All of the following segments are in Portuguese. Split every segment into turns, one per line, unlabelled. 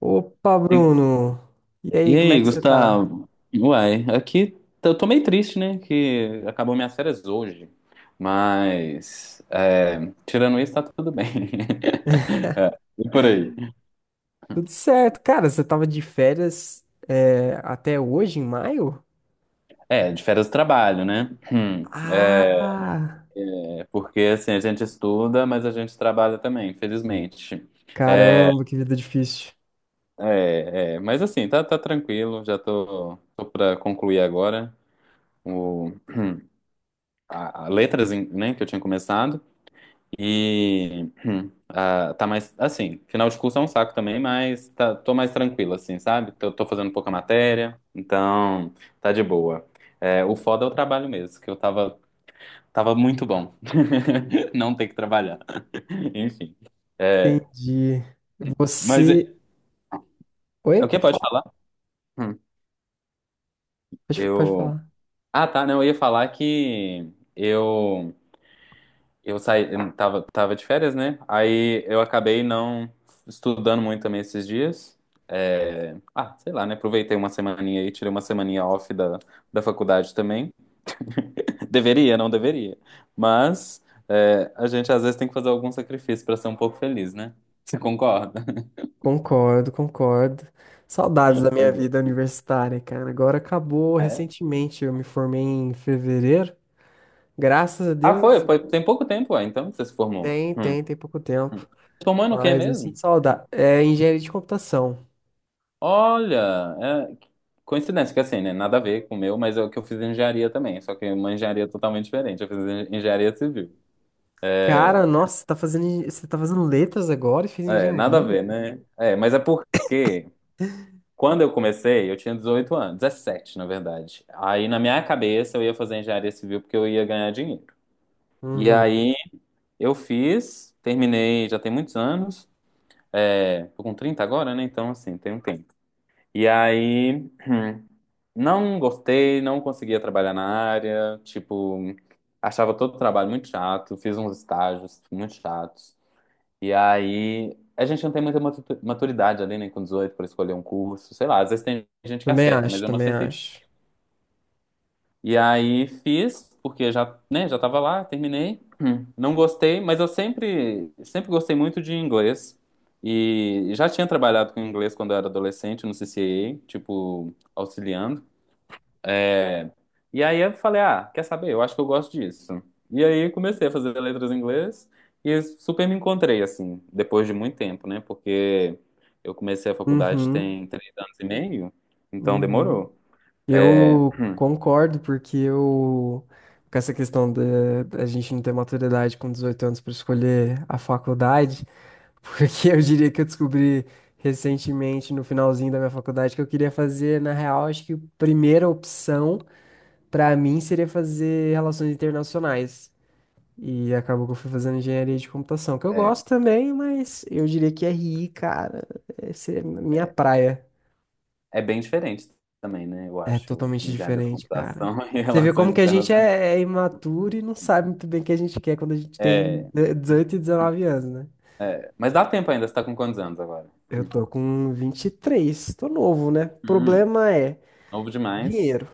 Opa,
E
Bruno! E
e
aí, como é
aí,
que você tá?
Gustavo? Uai, aqui eu tô meio triste, né? Que acabou minhas férias hoje. Mas, é, tirando isso, tá tudo bem. É, e por aí?
Tudo certo, cara. Você tava de férias até hoje, em maio?
É, de férias do trabalho, né?
Ah!
Porque, assim, a gente estuda, mas a gente trabalha também, infelizmente.
Caramba, que vida difícil.
Mas, assim, tá, tá tranquilo. Já tô pra concluir agora o, a letras, né, que eu tinha começado. E tá mais assim, final de curso é um saco também, mas tá, tô mais tranquilo, assim, sabe? Tô fazendo pouca matéria, então tá de boa. É, o foda é o trabalho mesmo, que eu tava muito bom. Não ter que trabalhar. Enfim. É,
Entendi.
mas é,
Você.
é
Oi?
o que
Pode
pode
falar?
falar? Hum,
Pode
eu.
falar.
Ah, tá, não, eu ia falar que eu. Eu saí, eu tava de férias, né? Aí eu acabei não estudando muito também esses dias. Sei lá, né? Aproveitei uma semaninha aí, tirei uma semaninha off da faculdade também. Deveria, não deveria. Mas é, a gente às vezes tem que fazer algum sacrifício para ser um pouco feliz, né? Você concorda?
Concordo. Saudades da
Pois
minha vida universitária, cara. Agora acabou
é. É.
recentemente. Eu me formei em fevereiro. Graças a
Ah,
Deus.
tem pouco tempo, ah, então que você se formou.
Tem,
Hum.
tem, tem pouco
Hum.
tempo.
Se formou no quê
Mas eu sinto
mesmo?
saudade. É engenharia de computação.
Olha, é, coincidência que assim, né? Nada a ver com o meu, mas é o que eu fiz em engenharia também, só que é uma engenharia totalmente diferente. Eu fiz engenharia civil.
Cara, nossa, você tá fazendo letras agora e fez
É, nada a ver,
engenharia?
né? É, mas é porque quando eu comecei, eu tinha 18 anos, 17, na verdade. Aí na minha cabeça eu ia fazer engenharia civil porque eu ia ganhar dinheiro. E
Uhum.
aí eu fiz, terminei já tem muitos anos. É, tô com 30 agora, né? Então, assim, tem um tempo. E aí. Não gostei, não conseguia trabalhar na área, tipo, achava todo o trabalho muito chato, fiz uns estágios muito chatos. E aí, a gente não tem muita maturidade ali, né, com 18 para escolher um curso, sei lá, às vezes tem gente que
Também
acerta, mas
acho,
eu não
também
acertei. Tipo.
acho.
E aí fiz, porque já, né, já tava lá, terminei. Não gostei, mas eu sempre, sempre gostei muito de inglês. E já tinha trabalhado com inglês quando eu era adolescente no CCA, tipo, auxiliando. É, e aí eu falei, ah, quer saber? Eu acho que eu gosto disso. E aí comecei a fazer letras em inglês e super me encontrei, assim, depois de muito tempo, né? Porque eu comecei a faculdade
Uhum,
tem 3 anos e meio, então
uhum.
demorou. É,
Eu concordo, porque com essa questão da gente não ter maturidade com 18 anos para escolher a faculdade, porque eu diria que eu descobri recentemente, no finalzinho da minha faculdade, que eu queria fazer, na real, acho que a primeira opção para mim seria fazer relações internacionais. E acabou que eu fui fazendo engenharia de computação, que eu
é,
gosto também, mas eu diria que RI, cara, essa é a minha
é,
praia.
é bem diferente também, né? Eu
É
acho,
totalmente
engenharia da
diferente, cara.
computação e
Você vê
relações
como que a gente
internacionais.
é imaturo e não sabe muito bem o que a gente quer quando a gente tem
É,
dezoito e dezenove anos, né?
mas dá tempo ainda, você tá com quantos anos agora?
Eu tô com vinte e três, tô novo, né?
Hum,
Problema é
novo demais.
dinheiro.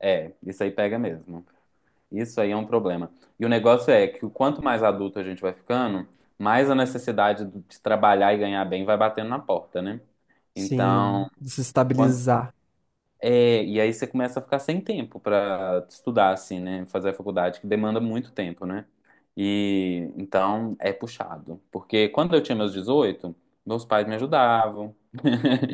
É, isso aí pega mesmo. Isso aí é um problema. E o negócio é que o quanto mais adulto a gente vai ficando, mais a necessidade de trabalhar e ganhar bem vai batendo na porta, né? Então,
Sim, de se
quan-
estabilizar.
e aí você começa a ficar sem tempo pra estudar, assim, né? Fazer a faculdade, que demanda muito tempo, né? E então é puxado. Porque quando eu tinha meus 18, meus pais me ajudavam.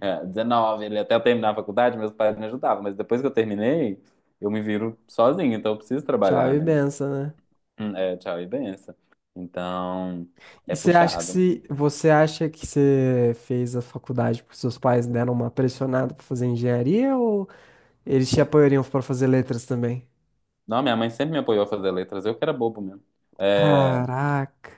É, 19, ele até eu terminar a faculdade, meus pais me ajudavam. Mas depois que eu terminei, eu me viro sozinho, então eu preciso
Tchau
trabalhar,
e
né?
benção, né?
É, tchau e benção. Então, é
E você acha que
puxado.
se você acha que você fez a faculdade porque seus pais deram uma pressionada pra fazer engenharia, ou eles te apoiariam pra fazer letras também?
Não, minha mãe sempre me apoiou a fazer letras, eu que era bobo mesmo. É,
Caraca.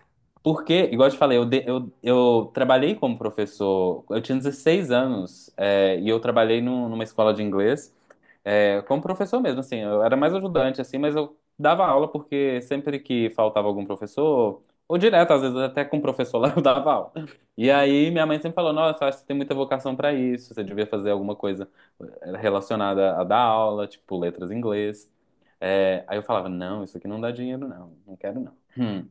porque, igual eu te falei, eu trabalhei como professor, eu tinha 16 anos, é, e eu trabalhei numa escola de inglês, é, como professor mesmo, assim, eu era mais ajudante, assim, mas eu dava aula porque sempre que faltava algum professor, ou direto, às vezes até com o professor lá, eu dava aula. E aí minha mãe sempre falou, nossa, acho que você tem muita vocação pra isso, você devia fazer alguma coisa eh, relacionada a dar aula, tipo letras em inglês. É, aí eu falava, não, isso aqui não dá dinheiro, não, não quero não. Hum.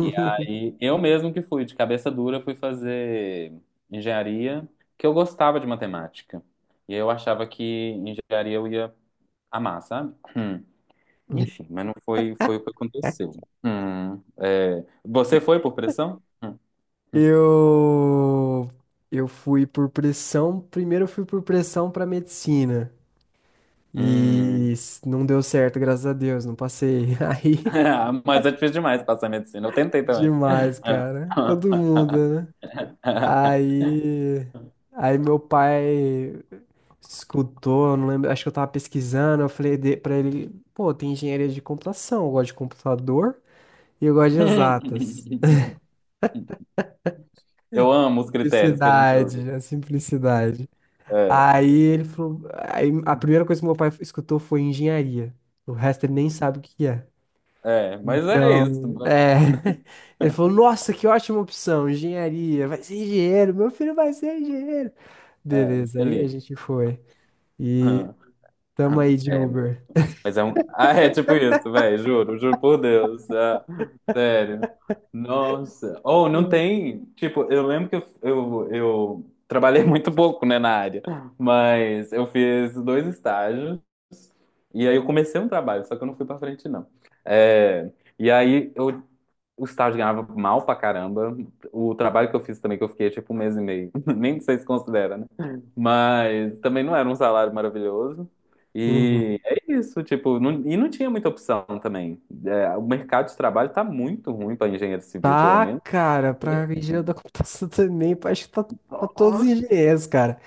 E aí eu mesmo que fui, de cabeça dura, fui fazer engenharia, que eu gostava de matemática. E eu achava que engenharia eu ia amar, sabe? Hum. Enfim, mas não foi, foi o que aconteceu. Hum. É, você foi por pressão? Hum.
Eu eu fui por pressão, primeiro eu fui por pressão pra medicina e
Hum.
não deu certo, graças a Deus, não passei. Aí
Ah, mas é difícil demais passar medicina. Eu tentei também.
demais, cara. Todo mundo, né? Aí aí meu pai escutou, eu não lembro, acho que eu tava pesquisando, eu falei pra ele, pô, tem engenharia de computação, eu gosto de computador e eu gosto de exatas.
Eu amo os critérios que a gente usa.
Simplicidade, a simplicidade.
É,
Aí ele falou, aí a primeira coisa que meu pai escutou foi engenharia. O resto ele nem sabe o que que é.
mas é isso.
Então, é. Ele falou, nossa, que ótima opção, engenharia, vai ser engenheiro, meu filho vai ser engenheiro.
É,
Beleza, aí a
feliz.
gente foi. E
Hum.
tamo
Hum.
aí de
É,
Uber.
mas é um. Ah, é tipo isso, velho, juro, juro por Deus. Ah, sério. Nossa. Ou não tem. Tipo, eu lembro que eu trabalhei muito pouco, né, na área, mas eu fiz dois estágios e aí eu comecei um trabalho, só que eu não fui pra frente, não. É, e aí eu o estágio ganhava mal pra caramba. O trabalho que eu fiz também, que eu fiquei tipo um mês e meio. Nem sei se considera, né? Mas também não era um salário maravilhoso. E
Uhum.
é isso, tipo, e não tinha muita opção também. É, o mercado de trabalho tá muito ruim pra engenheiro civil, pelo
Tá,
menos.
cara, pra
É.
engenharia da computação também, acho que tá pra todos os
Nossa,
engenheiros, cara.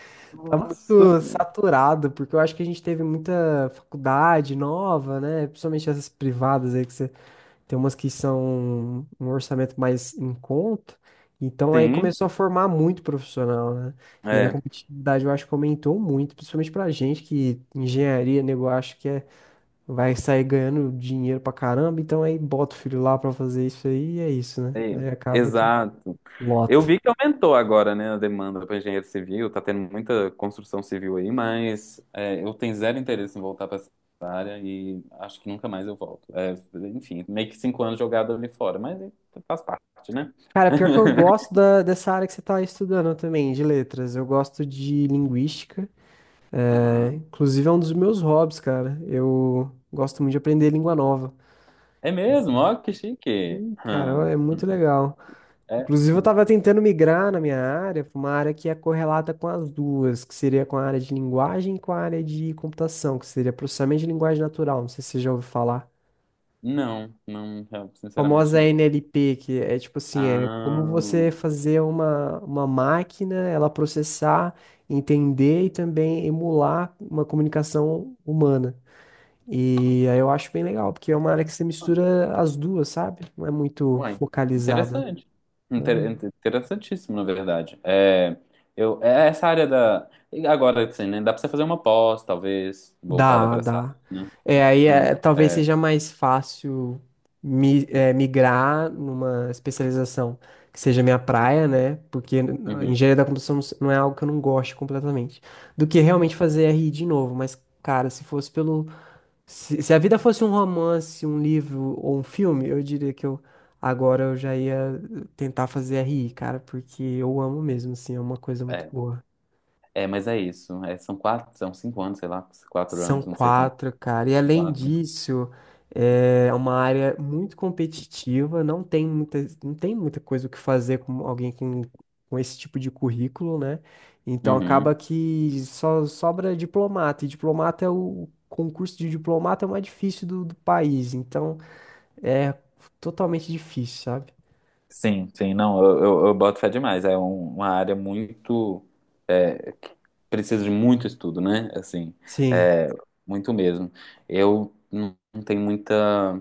Tá
nossa.
muito saturado, porque eu acho que a gente teve muita faculdade nova, né? Principalmente essas privadas aí, que você tem umas que são um orçamento mais em conta. Então aí
Sim,
começou a formar muito profissional, né? E aí a
é,
competitividade eu acho que aumentou muito, principalmente pra gente que engenharia, nego, eu acho que é vai sair ganhando dinheiro pra caramba, então aí bota o filho lá pra fazer isso aí e é isso, né?
é,
Aí acaba que
exato. Eu
lota.
vi que aumentou agora, né, a demanda para engenheiro civil, tá tendo muita construção civil aí, mas é, eu tenho zero interesse em voltar para essa área e acho que nunca mais eu volto. É, enfim, meio que 5 anos jogado ali fora, mas é, faz parte, né?
Cara, pior que eu gosto dessa área que você tá estudando também, de letras. Eu gosto de linguística. É,
Aham.
inclusive é um dos meus hobbies, cara. Eu gosto muito de aprender língua nova.
É mesmo? Ó, que chique.
Cara,
Aham.
é muito legal.
É.
Inclusive, eu
Hum,
tava tentando migrar na minha área pra uma área que é correlata com as duas, que seria com a área de linguagem e com a área de computação, que seria processamento de linguagem natural. Não sei se você já ouviu falar.
não, não, sinceramente
Famosa
não.
NLP, que é tipo assim, é como você fazer uma máquina, ela processar, entender e também emular uma comunicação humana. E aí eu acho bem legal, porque é uma área que você
Ah,
mistura as duas, sabe? Não é muito
uai,
focalizada.
interessante.
Né?
Interessantíssimo, na verdade. É, eu, é essa área da. E agora, assim, né? Dá pra você fazer uma pós, talvez, voltada
Dá,
pra essa área,
dá.
né?
É, talvez
É,
seja mais fácil migrar numa especialização que seja minha praia, né? Porque
uhum,
engenharia da computação não é algo que eu não gosto completamente. Do que realmente fazer RI de novo. Mas, cara, se fosse pelo. Se a vida fosse um romance, um livro ou um filme, eu diria que eu. Agora eu já ia tentar fazer RI, cara, porque eu amo mesmo, assim, é uma coisa muito
é,
boa.
mas é isso. É, são quatro, são 5 anos, sei lá, quatro
São
anos, não sei quanto.
quatro, cara. E além
Quatro.
disso, é uma área muito competitiva, não tem muita, não tem muita coisa o que fazer com alguém com esse tipo de currículo, né? Então acaba
Uhum.
que só sobra diplomata, e diplomata é o concurso de diplomata é o mais difícil do país, então é totalmente difícil, sabe?
Sim, sim, não, eu boto fé demais. É uma área muito. É, precisa de muito estudo, né? Assim,
Sim,
é, muito mesmo. Eu não tenho muita.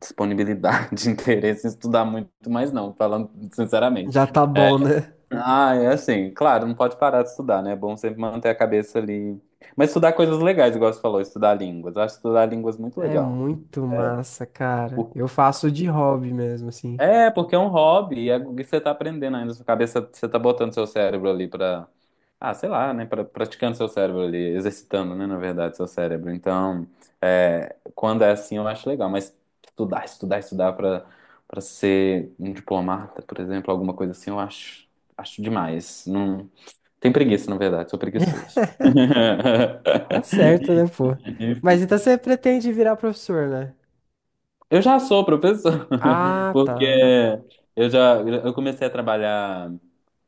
Disponibilidade, interesse em estudar muito, mas não, falando sinceramente.
já tá
É,
bom, né?
é assim, claro, não pode parar de estudar, né? É bom sempre manter a cabeça ali. Mas estudar coisas legais, igual você falou, estudar línguas. Eu acho estudar línguas muito
É
legal.
muito massa, cara. Eu faço de hobby mesmo, assim.
É, porque é um hobby, e é o que você tá aprendendo ainda, sua cabeça, você tá botando seu cérebro ali pra, ah, sei lá, né, pra, praticando seu cérebro ali, exercitando, né, na verdade, seu cérebro. Então, é, quando é assim, eu acho legal, mas estudar, estudar, estudar pra, pra ser um diplomata, por exemplo, alguma coisa assim, eu acho, acho demais. Não, tem preguiça, na verdade, sou preguiçoso.
Tá certo, né, pô? Mas então
Enfim.
você pretende virar professor, né?
Eu já sou professor,
Ah, tá.
porque eu já eu comecei a trabalhar.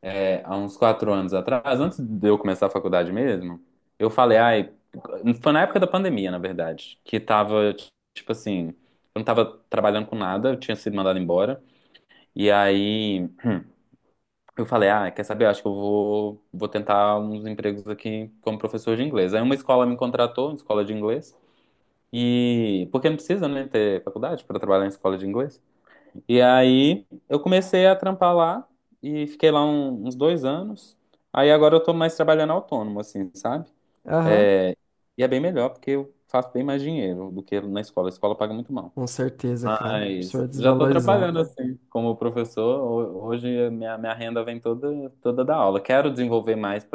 É, há uns 4 anos atrás, antes de eu começar a faculdade mesmo, eu falei, ai, foi na época da pandemia, na verdade, que tava, tipo assim, eu não tava trabalhando com nada, eu tinha sido mandado embora, e aí eu falei, ah, quer saber, eu acho que eu vou tentar uns empregos aqui como professor de inglês. Aí uma escola me contratou, uma escola de inglês, e porque não precisa, né, ter faculdade para trabalhar em escola de inglês. E aí eu comecei a trampar lá e fiquei lá uns 2 anos. Aí agora eu tô mais trabalhando autônomo, assim, sabe?
Aham.
É, e é bem melhor porque eu faço bem mais dinheiro do que na escola. A escola paga muito mal.
Com certeza, cara.
Mas
Professor
já tô
desvalorizado.
trabalhando assim, como professor. Hoje a minha renda vem toda, toda da aula. Quero desenvolver mais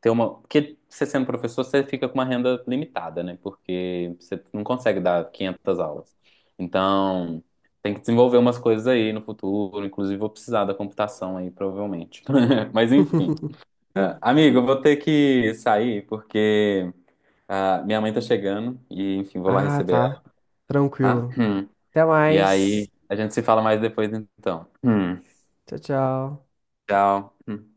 ter uma. Porque você sendo professor, você fica com uma renda limitada, né? Porque você não consegue dar 500 aulas. Então, tem que desenvolver umas coisas aí no futuro. Inclusive, vou precisar da computação aí, provavelmente. Mas, enfim. Ah, amigo, eu vou ter que sair, porque ah, minha mãe tá chegando. E, enfim, vou lá
Ah,
receber ela,
tá.
tá?
Tranquilo.
Hum.
Até
E aí,
mais.
a gente se fala mais depois, então. Hum.
Tchau, tchau.
Tchau. Hum.